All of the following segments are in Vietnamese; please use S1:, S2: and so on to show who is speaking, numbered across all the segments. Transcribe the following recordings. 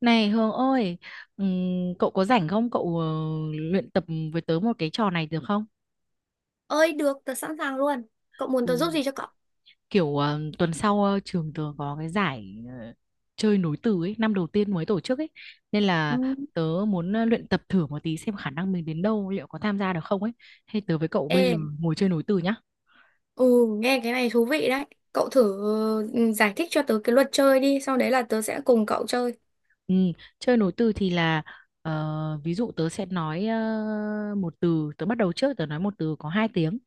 S1: Này Hường ơi, cậu có rảnh không? Cậu luyện tập với tớ một cái trò này được không?
S2: Ơi được, tớ sẵn sàng luôn. Cậu muốn
S1: Ừ,
S2: tớ giúp gì cho cậu?
S1: kiểu tuần sau trường tớ có cái giải chơi nối từ ấy, năm đầu tiên mới tổ chức ấy. Nên
S2: Ừ.
S1: là tớ muốn luyện tập thử một tí xem khả năng mình đến đâu, liệu có tham gia được không ấy. Hay tớ với cậu
S2: Ê,
S1: bây giờ ngồi chơi nối từ nhá.
S2: ừ, nghe cái này thú vị đấy. Cậu thử giải thích cho tớ cái luật chơi đi, sau đấy là tớ sẽ cùng cậu chơi.
S1: Ừ, chơi nối từ thì là ví dụ tớ sẽ nói một từ, tớ bắt đầu trước, tớ nói một từ có hai tiếng,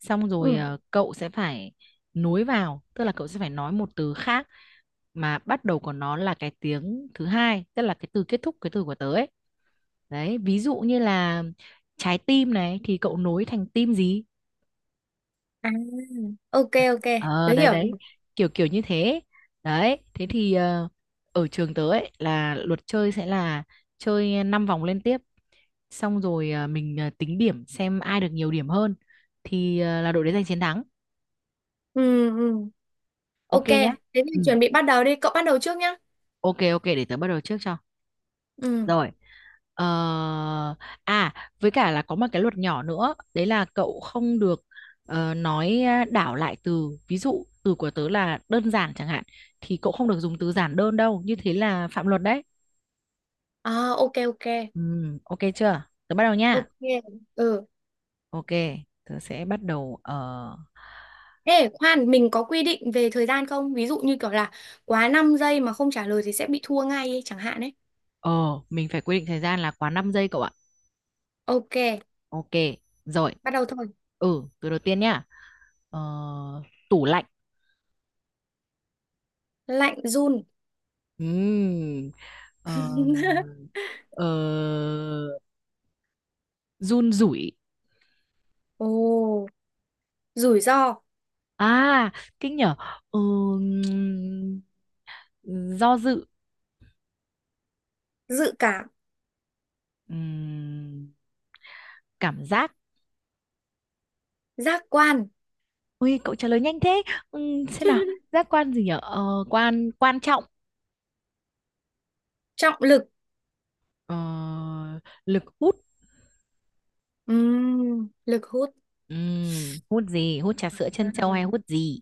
S1: xong rồi
S2: Ừ.
S1: cậu sẽ phải nối vào, tức là cậu sẽ phải nói một từ khác mà bắt đầu của nó là cái tiếng thứ hai, tức là cái từ kết thúc cái từ của tớ ấy. Đấy, ví dụ như là trái tim này thì cậu nối thành tim gì.
S2: À, ok ok,
S1: Ờ,
S2: tớ
S1: đấy
S2: hiểu.
S1: đấy, kiểu kiểu như thế đấy. Thế thì ở trường tớ ấy là luật chơi sẽ là chơi 5 vòng liên tiếp, xong rồi mình tính điểm xem ai được nhiều điểm hơn thì là đội đấy giành chiến thắng.
S2: Ừ ừ.
S1: OK
S2: Ok,
S1: nhá.
S2: thế thì
S1: Ừ.
S2: chuẩn bị bắt đầu đi, cậu bắt đầu trước nhá.
S1: OK ok để tớ bắt đầu trước cho.
S2: Ừ.
S1: Rồi. ờ... À, với cả là có một cái luật nhỏ nữa, đấy là cậu không được nói đảo lại từ. Ví dụ từ của tớ là đơn giản chẳng hạn thì cậu không được dùng từ giản đơn đâu, như thế là phạm luật đấy.
S2: À ok ok.
S1: Ừ. OK chưa, tớ bắt đầu nha.
S2: Ok. Ừ.
S1: OK, tớ sẽ bắt đầu
S2: Ê, khoan, mình có quy định về thời gian không? Ví dụ như kiểu là quá 5 giây mà không trả lời thì sẽ bị thua ngay ấy, chẳng hạn ấy.
S1: ờ, mình phải quy định thời gian là quá 5 giây cậu ạ.
S2: Ok,
S1: OK, rồi.
S2: bắt đầu thôi.
S1: Ừ, từ đầu tiên nhá. Ờ, tủ lạnh.
S2: Lạnh run.
S1: Ừm, Ờ, ờ, run rủi.
S2: Ồ, rủi ro,
S1: À, kinh nhở. Ừm, do dự.
S2: dự cảm,
S1: Ừm, cảm giác.
S2: giác quan,
S1: Ui, cậu trả lời nhanh thế. Xem nào, giác quan gì nhở? Ờ, quan quan trọng.
S2: trọng lực.
S1: Ờ, lực hút.
S2: Lực hút.
S1: Hút gì? Hút trà sữa trân châu hay hút gì?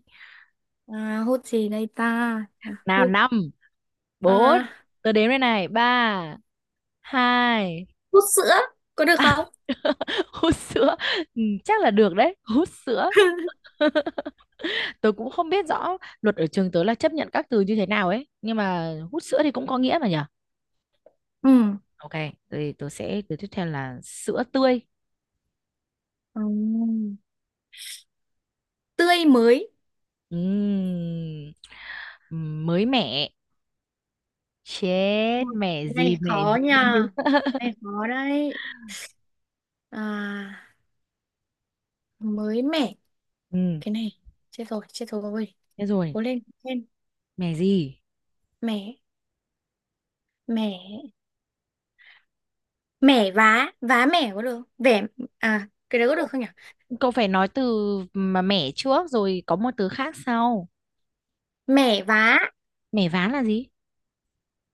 S2: À, à, hút gì đây ta? À,
S1: Nào, năm, bốn,
S2: à,
S1: tôi đếm đây này, ba, hai.
S2: hút sữa có được không?
S1: Hút sữa. Ừ, chắc là được đấy, hút sữa. Tôi cũng không biết rõ luật ở trường tớ là chấp nhận các từ như thế nào ấy, nhưng mà hút sữa thì cũng có nghĩa mà nhở.
S2: Ừ.
S1: OK, tôi sẽ từ tiếp theo là sữa tươi.
S2: Ừm, tươi mới.
S1: Ừm, mới mẻ. Chết,
S2: Ui,
S1: mẻ
S2: cái
S1: gì,
S2: này
S1: mẻ
S2: khó
S1: gì?
S2: nha. Cái này khó đấy. À, mới mẻ.
S1: Ừ,
S2: Cái này chết rồi, chết rồi.
S1: thế rồi,
S2: Cố lên, cố lên.
S1: mẻ gì,
S2: Mẻ, mẻ, mẻ vá, vá mẻ có được không? Vẻ à, cái đấy có
S1: cậu,
S2: được không nhỉ?
S1: cậu phải nói từ mà mẻ trước rồi có một từ khác sau.
S2: Mẻ vá.
S1: Mẻ ván là gì?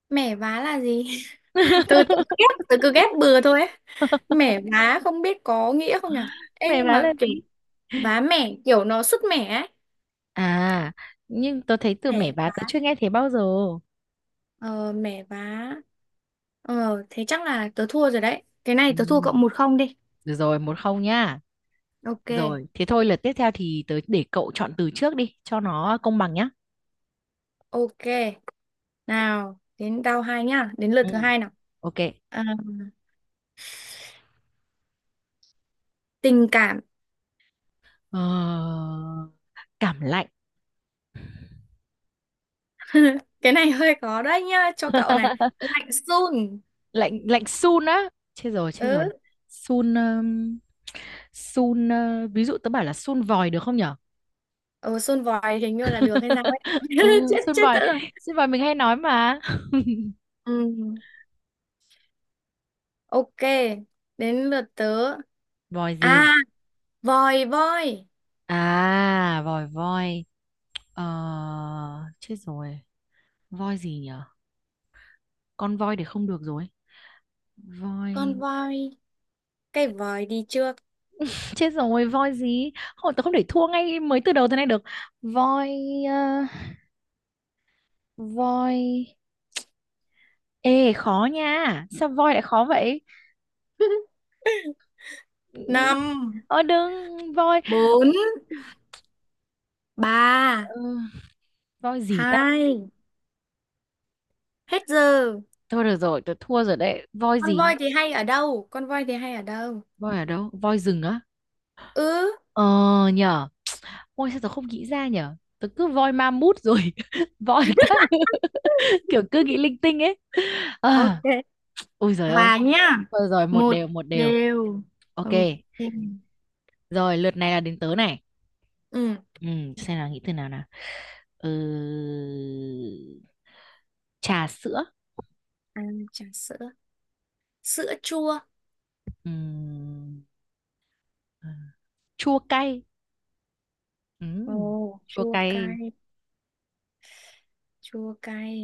S2: Mẻ vá là gì? Từ từ ghép từ cứ ghép bừa thôi ấy. Mẻ vá không biết có nghĩa không nhỉ. Ê
S1: Mẻ
S2: nhưng
S1: ván
S2: mà
S1: là
S2: kiểu
S1: gì?
S2: vá mẻ kiểu nó sứt mẻ ấy.
S1: À, nhưng tớ thấy từ mẻ
S2: Mẻ
S1: ván
S2: vá,
S1: tớ chưa nghe thấy bao giờ.
S2: ờ mẻ vá, thế chắc là tớ thua rồi đấy, cái này
S1: Ừ.
S2: tớ thua cậu 1-0 đi.
S1: Được rồi, 1-0 nhá.
S2: Ok
S1: Rồi, thế thôi, lượt tiếp theo thì tớ để cậu chọn từ trước đi cho nó công bằng nhá.
S2: ok, nào đến tao hai nhá, đến lượt
S1: Ừ.
S2: thứ hai nào.
S1: OK.
S2: À, tình cảm.
S1: Ờ, cảm lạnh.
S2: Cái này hơi khó đấy nhá cho cậu này. Lạnh sun.
S1: Lạnh lạnh sun á. Chết rồi, chết rồi.
S2: Ừ.
S1: Sun sun, ví dụ tớ bảo là sun vòi được không nhỉ?
S2: Ừ, xôn vòi hình như là được hay sao ấy.
S1: Ừ,
S2: Chết
S1: sơn
S2: chết
S1: vòi,
S2: tớ rồi.
S1: sơn vòi mình hay nói mà.
S2: Ừ, ok. Đến lượt tớ.
S1: Voi gì?
S2: À, vòi voi.
S1: À, vòi voi. Ờ, chết rồi, voi gì nhở? Con voi thì không được rồi. Voi,
S2: Con voi. Cái vòi đi trước.
S1: chết rồi, voi gì? Hồi tớ không để thua ngay mới từ đầu thế này được. Voi, ờ, voi. Ê khó nha, sao voi lại khó vậy? Ừ,
S2: Năm,
S1: đừng voi.
S2: bốn, ba,
S1: ờ, voi gì ta?
S2: hai. Hết giờ.
S1: Thôi được rồi, tớ thua rồi đấy, voi
S2: Con
S1: gì?
S2: voi thì hay ở đâu? Con voi thì hay ở đâu?
S1: Voi ở đâu, voi rừng á?
S2: Ừ.
S1: Ờ nhở. Ôi sao tớ không nghĩ ra nhở. Tớ cứ voi ma mút rồi voi các kiểu cứ nghĩ linh tinh ấy. à,
S2: Ok,
S1: Ôi giời ơi.
S2: hòa nhá.
S1: Rồi rồi, một
S2: Một
S1: đều một đều.
S2: đều.
S1: OK.
S2: Ok.
S1: Rồi, lượt này là đến tớ này.
S2: Ừ.
S1: ừ, Xem nào, nghĩ từ nào nào. ừ... Trà sữa.
S2: À, trà sữa. Sữa chua.
S1: Ừm, à, Chua cay. Ừm,
S2: Ồ,
S1: Chua
S2: chua
S1: cay.
S2: cay. Chua cay,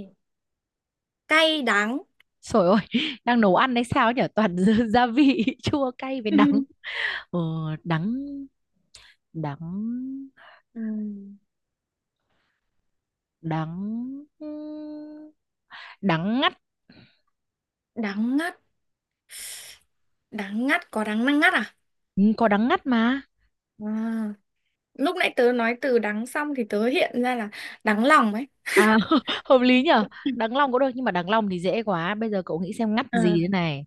S2: cay đắng.
S1: Trời ơi đang nấu ăn hay sao nhở, toàn gia gia vị chua cay với đắng. ờ, Đắng đắng
S2: Ừm,
S1: đắng, đắng ngắt.
S2: đắng ngắt. Đắng ngắt có đắng năng ngắt à?
S1: Ừ, có đắng ngắt mà.
S2: À, lúc nãy tớ nói từ đắng xong thì tớ hiện ra là đắng lòng ấy.
S1: À hợp lý nhở. Đắng lòng cũng được nhưng mà đắng lòng thì dễ quá, bây giờ cậu nghĩ xem ngắt
S2: Ờ,
S1: gì thế này.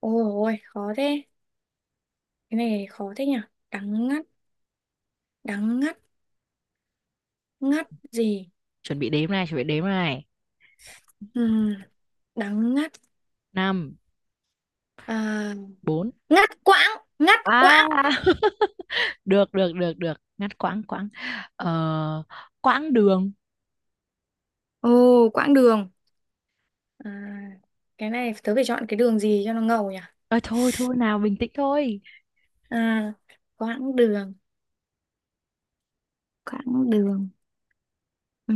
S2: ôi ôi khó thế, cái này khó thế nhỉ. Đắng ngắt, đắng ngắt, ngắt gì?
S1: Chuẩn bị đếm này, chuẩn bị đếm này.
S2: Ừm, đắng ngắt.
S1: Năm,
S2: À,
S1: bốn.
S2: ngắt quãng, ngắt
S1: À
S2: quãng.
S1: được được được được ngắt quãng, quãng. Ờ, quãng đường.
S2: Ồ, quãng đường. À, cái này tớ phải chọn cái đường gì cho nó ngầu nhỉ.
S1: Ờ, thôi thôi, nào bình tĩnh thôi.
S2: À, quãng đường. Quãng đường. Ừ.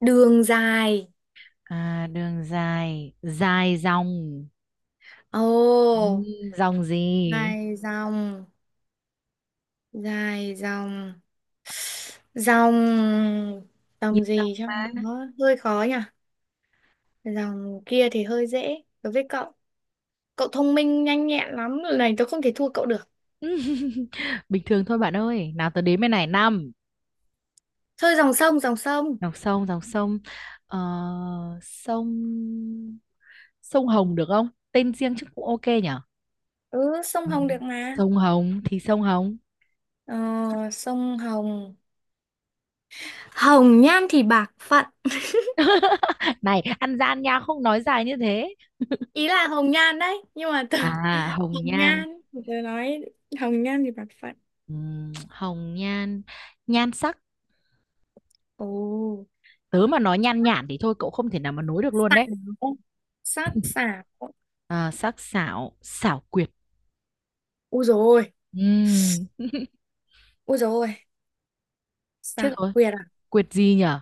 S2: Đường dài.
S1: À, đường dài, dài dòng. Ừ,
S2: Ồ,
S1: dòng gì?
S2: dài dòng, dài dòng, dòng, dòng
S1: Nhiều dòng
S2: gì cho
S1: mà.
S2: nó hơi khó nhỉ? Dòng kia thì hơi dễ đối với cậu. Cậu thông minh nhanh nhẹn lắm, lần này tôi không thể thua cậu được.
S1: Bình thường thôi bạn ơi. Nào tớ đếm bên này, năm.
S2: Thôi dòng sông, dòng sông.
S1: Dòng sông, dòng sông. Ờ, sông sông Hồng được không? Tên riêng chứ cũng OK nhở?
S2: Ừ, sông
S1: Ừ.
S2: Hồng được mà.
S1: Sông Hồng thì sông Hồng.
S2: Ờ, sông Hồng. Hồng nhan thì bạc phận.
S1: Này, ăn gian nha, không nói dài như thế.
S2: Ý là Hồng Nhan đấy, nhưng mà từ.
S1: À, hồng
S2: Hồng
S1: nhan.
S2: Nhan, tôi nói Hồng Nhan thì bạc phận.
S1: Hồng nhan, nhan sắc.
S2: Ồ,
S1: Tớ mà nói nhan nhản thì thôi cậu không thể nào mà nối được luôn đấy.
S2: xảo, sát xảo.
S1: À, sắc sảo, xảo quyệt.
S2: Úi rồi ôi.
S1: Ừm,
S2: Rồi dồi ôi. Xảo
S1: Chết rồi,
S2: quyệt à?
S1: quyệt gì nhở?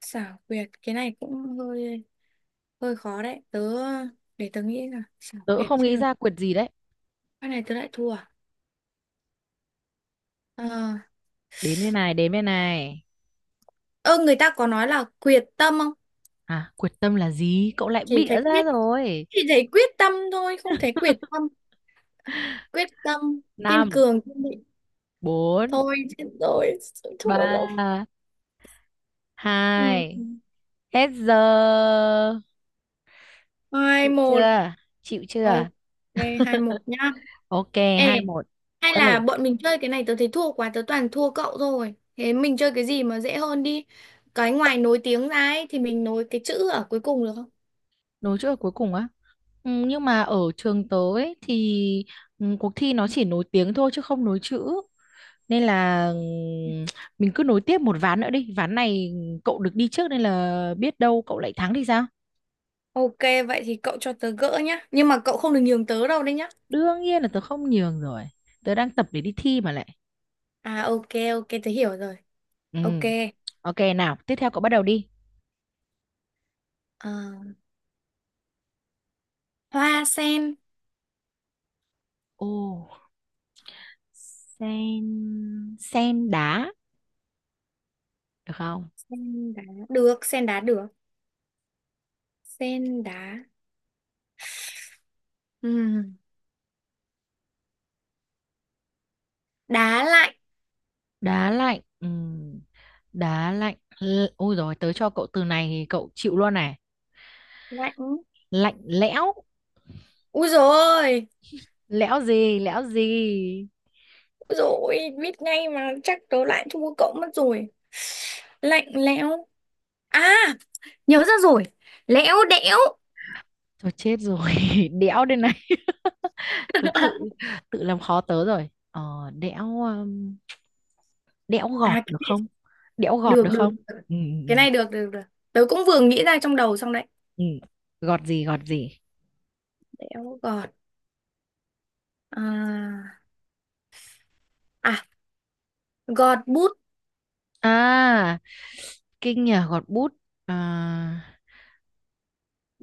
S2: Xảo quyệt. Cái này cũng hơi hơi khó đấy. Để tớ nghĩ là xảo
S1: Tớ cũng
S2: quyệt
S1: không
S2: chết
S1: nghĩ
S2: rồi.
S1: ra quyệt gì đấy.
S2: Cái này tớ lại thua à? Ờ,
S1: Đếm đây này, đếm đây này.
S2: ơ, người ta có nói là quyệt tâm không?
S1: À, quyết tâm là gì? Cậu lại
S2: Chỉ
S1: bịa
S2: thấy
S1: ra
S2: quyết
S1: rồi.
S2: chỉ thấy quyết tâm thôi, không thấy quyệt tâm. À, quyết tâm kiên
S1: Năm,
S2: cường kiên định.
S1: bốn,
S2: Thôi chết rồi, thua rồi.
S1: ba,
S2: Ừ.
S1: hai. Hết giờ.
S2: Hai
S1: Chịu
S2: một.
S1: chưa? Chịu
S2: Ok,
S1: chưa?
S2: 2-1 nhá.
S1: OK, hai
S2: Ê,
S1: một
S2: hay
S1: Ơi,
S2: là bọn mình chơi cái này tớ thấy thua quá, tớ toàn thua cậu rồi. Thế mình chơi cái gì mà dễ hơn đi. Cái ngoài nối tiếng ra ấy, thì mình nối cái chữ ở cuối cùng được không?
S1: nối chữ ở cuối cùng á. Ừ, nhưng mà ở trường tớ ấy, thì cuộc thi nó chỉ nối tiếng thôi chứ không nối chữ. Nên là mình cứ nối tiếp một ván nữa đi. Ván này cậu được đi trước nên là biết đâu cậu lại thắng thì sao?
S2: Ok vậy thì cậu cho tớ gỡ nhá. Nhưng mà cậu không được nhường tớ đâu đấy nhá.
S1: Đương nhiên là tớ không nhường rồi, tớ đang tập để đi thi mà lại.
S2: À ok ok tớ hiểu rồi.
S1: Ừ.
S2: Ok.
S1: OK nào, tiếp theo cậu bắt đầu đi.
S2: Ờ, hoa sen.
S1: Ồ, Sen sen đá được không?
S2: Sen đá. Được sen đá được. Sen đá. Ừm, Đá lạnh.
S1: Đá lạnh. Đá lạnh. L-, ôi rồi, tớ cho cậu từ này thì cậu chịu luôn này.
S2: Lạnh.
S1: Lạnh lẽo,
S2: Úi dồi.
S1: lẽo gì, lẽo gì?
S2: Rồi biết ngay mà chắc tớ lại thua cậu mất rồi. Lạnh lẽo. À, nhớ ra rồi. Lẽo đẽo.
S1: Thôi chết rồi đẽo đây này. Tớ tự tự làm khó tớ rồi. Ờ, đẽo, đẽo gọt
S2: À, cái
S1: được
S2: này
S1: không? Đẽo gọt
S2: được
S1: được không?
S2: được. Được.
S1: Ừ.
S2: Cái này được được được. Tớ cũng vừa nghĩ ra trong đầu xong đấy.
S1: Ừ. Gọt gì, gọt gì?
S2: Đẽo gọt. À, à, gọt bút.
S1: À, kinh nhờ, gọt bút. À,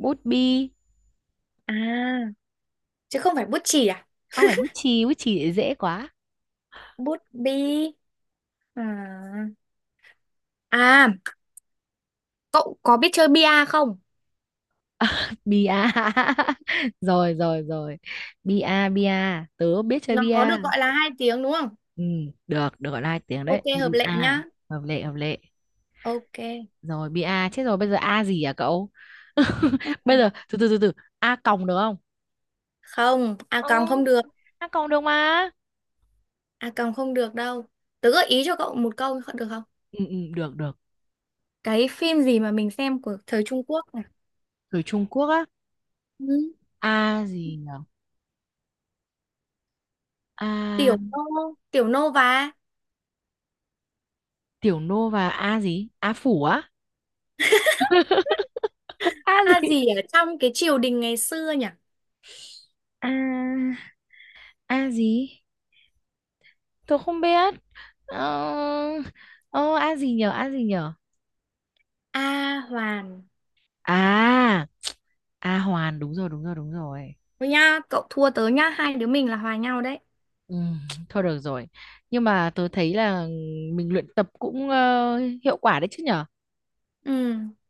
S1: bút bi.
S2: À, chứ không phải bút chì à?
S1: Không phải bút chì, bút chì thì dễ quá.
S2: Bút bi. À, à, cậu có biết chơi bia không?
S1: Bia rồi rồi rồi, bia bia, tớ biết chơi
S2: Nó có
S1: bia.
S2: được gọi là hai tiếng đúng không?
S1: Ừ, được, được gọi là hai tiếng đấy,
S2: Ok
S1: bia.
S2: hợp lệ nhá.
S1: Hợp lệ, hợp lệ.
S2: Ok.
S1: Rồi, bia chết rồi, bây giờ a gì à cậu?
S2: Ừ.
S1: Bây giờ từ, từ, a còng được không?
S2: Không, à
S1: Ừ,
S2: còn không được.
S1: a còng được mà.
S2: À còng không được đâu. Tớ gợi ý cho cậu một câu được không?
S1: Ừ, được được.
S2: Cái phim gì mà mình xem của thời Trung Quốc này?
S1: Từ Trung Quốc á?
S2: Ừ.
S1: A gì nhở? A.
S2: Tiểu Nô, Tiểu Nô và
S1: Tiểu Nô và A gì? A Phủ á? A
S2: A
S1: gì?
S2: gì ở trong cái triều đình ngày xưa nhỉ?
S1: A. A gì? Tôi không biết. Ờ, ờ A gì nhở? A gì nhở?
S2: A Hoàn.
S1: À, A Hoàn đúng rồi, đúng rồi, đúng rồi.
S2: Thôi nha, cậu thua tớ nhá, hai đứa mình là hòa nhau đấy.
S1: Ừ, thôi được rồi. Nhưng mà tớ thấy là mình luyện tập cũng hiệu quả đấy chứ nhở?
S2: Ừ,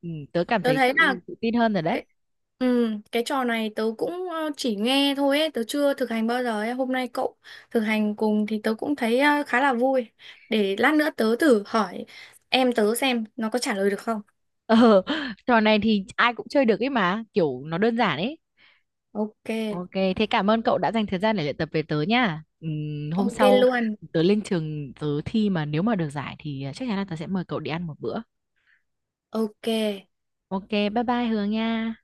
S1: Ừ, tớ cảm
S2: tớ
S1: thấy
S2: thấy là
S1: tự tự tin hơn rồi đấy.
S2: cái, cái trò này tớ cũng chỉ nghe thôi ấy, tớ chưa thực hành bao giờ ấy. Hôm nay cậu thực hành cùng thì tớ cũng thấy khá là vui. Để lát nữa tớ thử hỏi em tớ xem nó có trả lời được không.
S1: Ờ, trò này thì ai cũng chơi được ấy mà, kiểu nó đơn giản ấy.
S2: Ok,
S1: OK, thế cảm ơn cậu đã dành thời gian để luyện tập về tớ nha. Hôm
S2: ok
S1: sau
S2: luôn.
S1: tớ lên trường tớ thi mà nếu mà được giải thì chắc chắn là tớ sẽ mời cậu đi ăn một bữa.
S2: Ok.
S1: OK, bye bye Hường nha.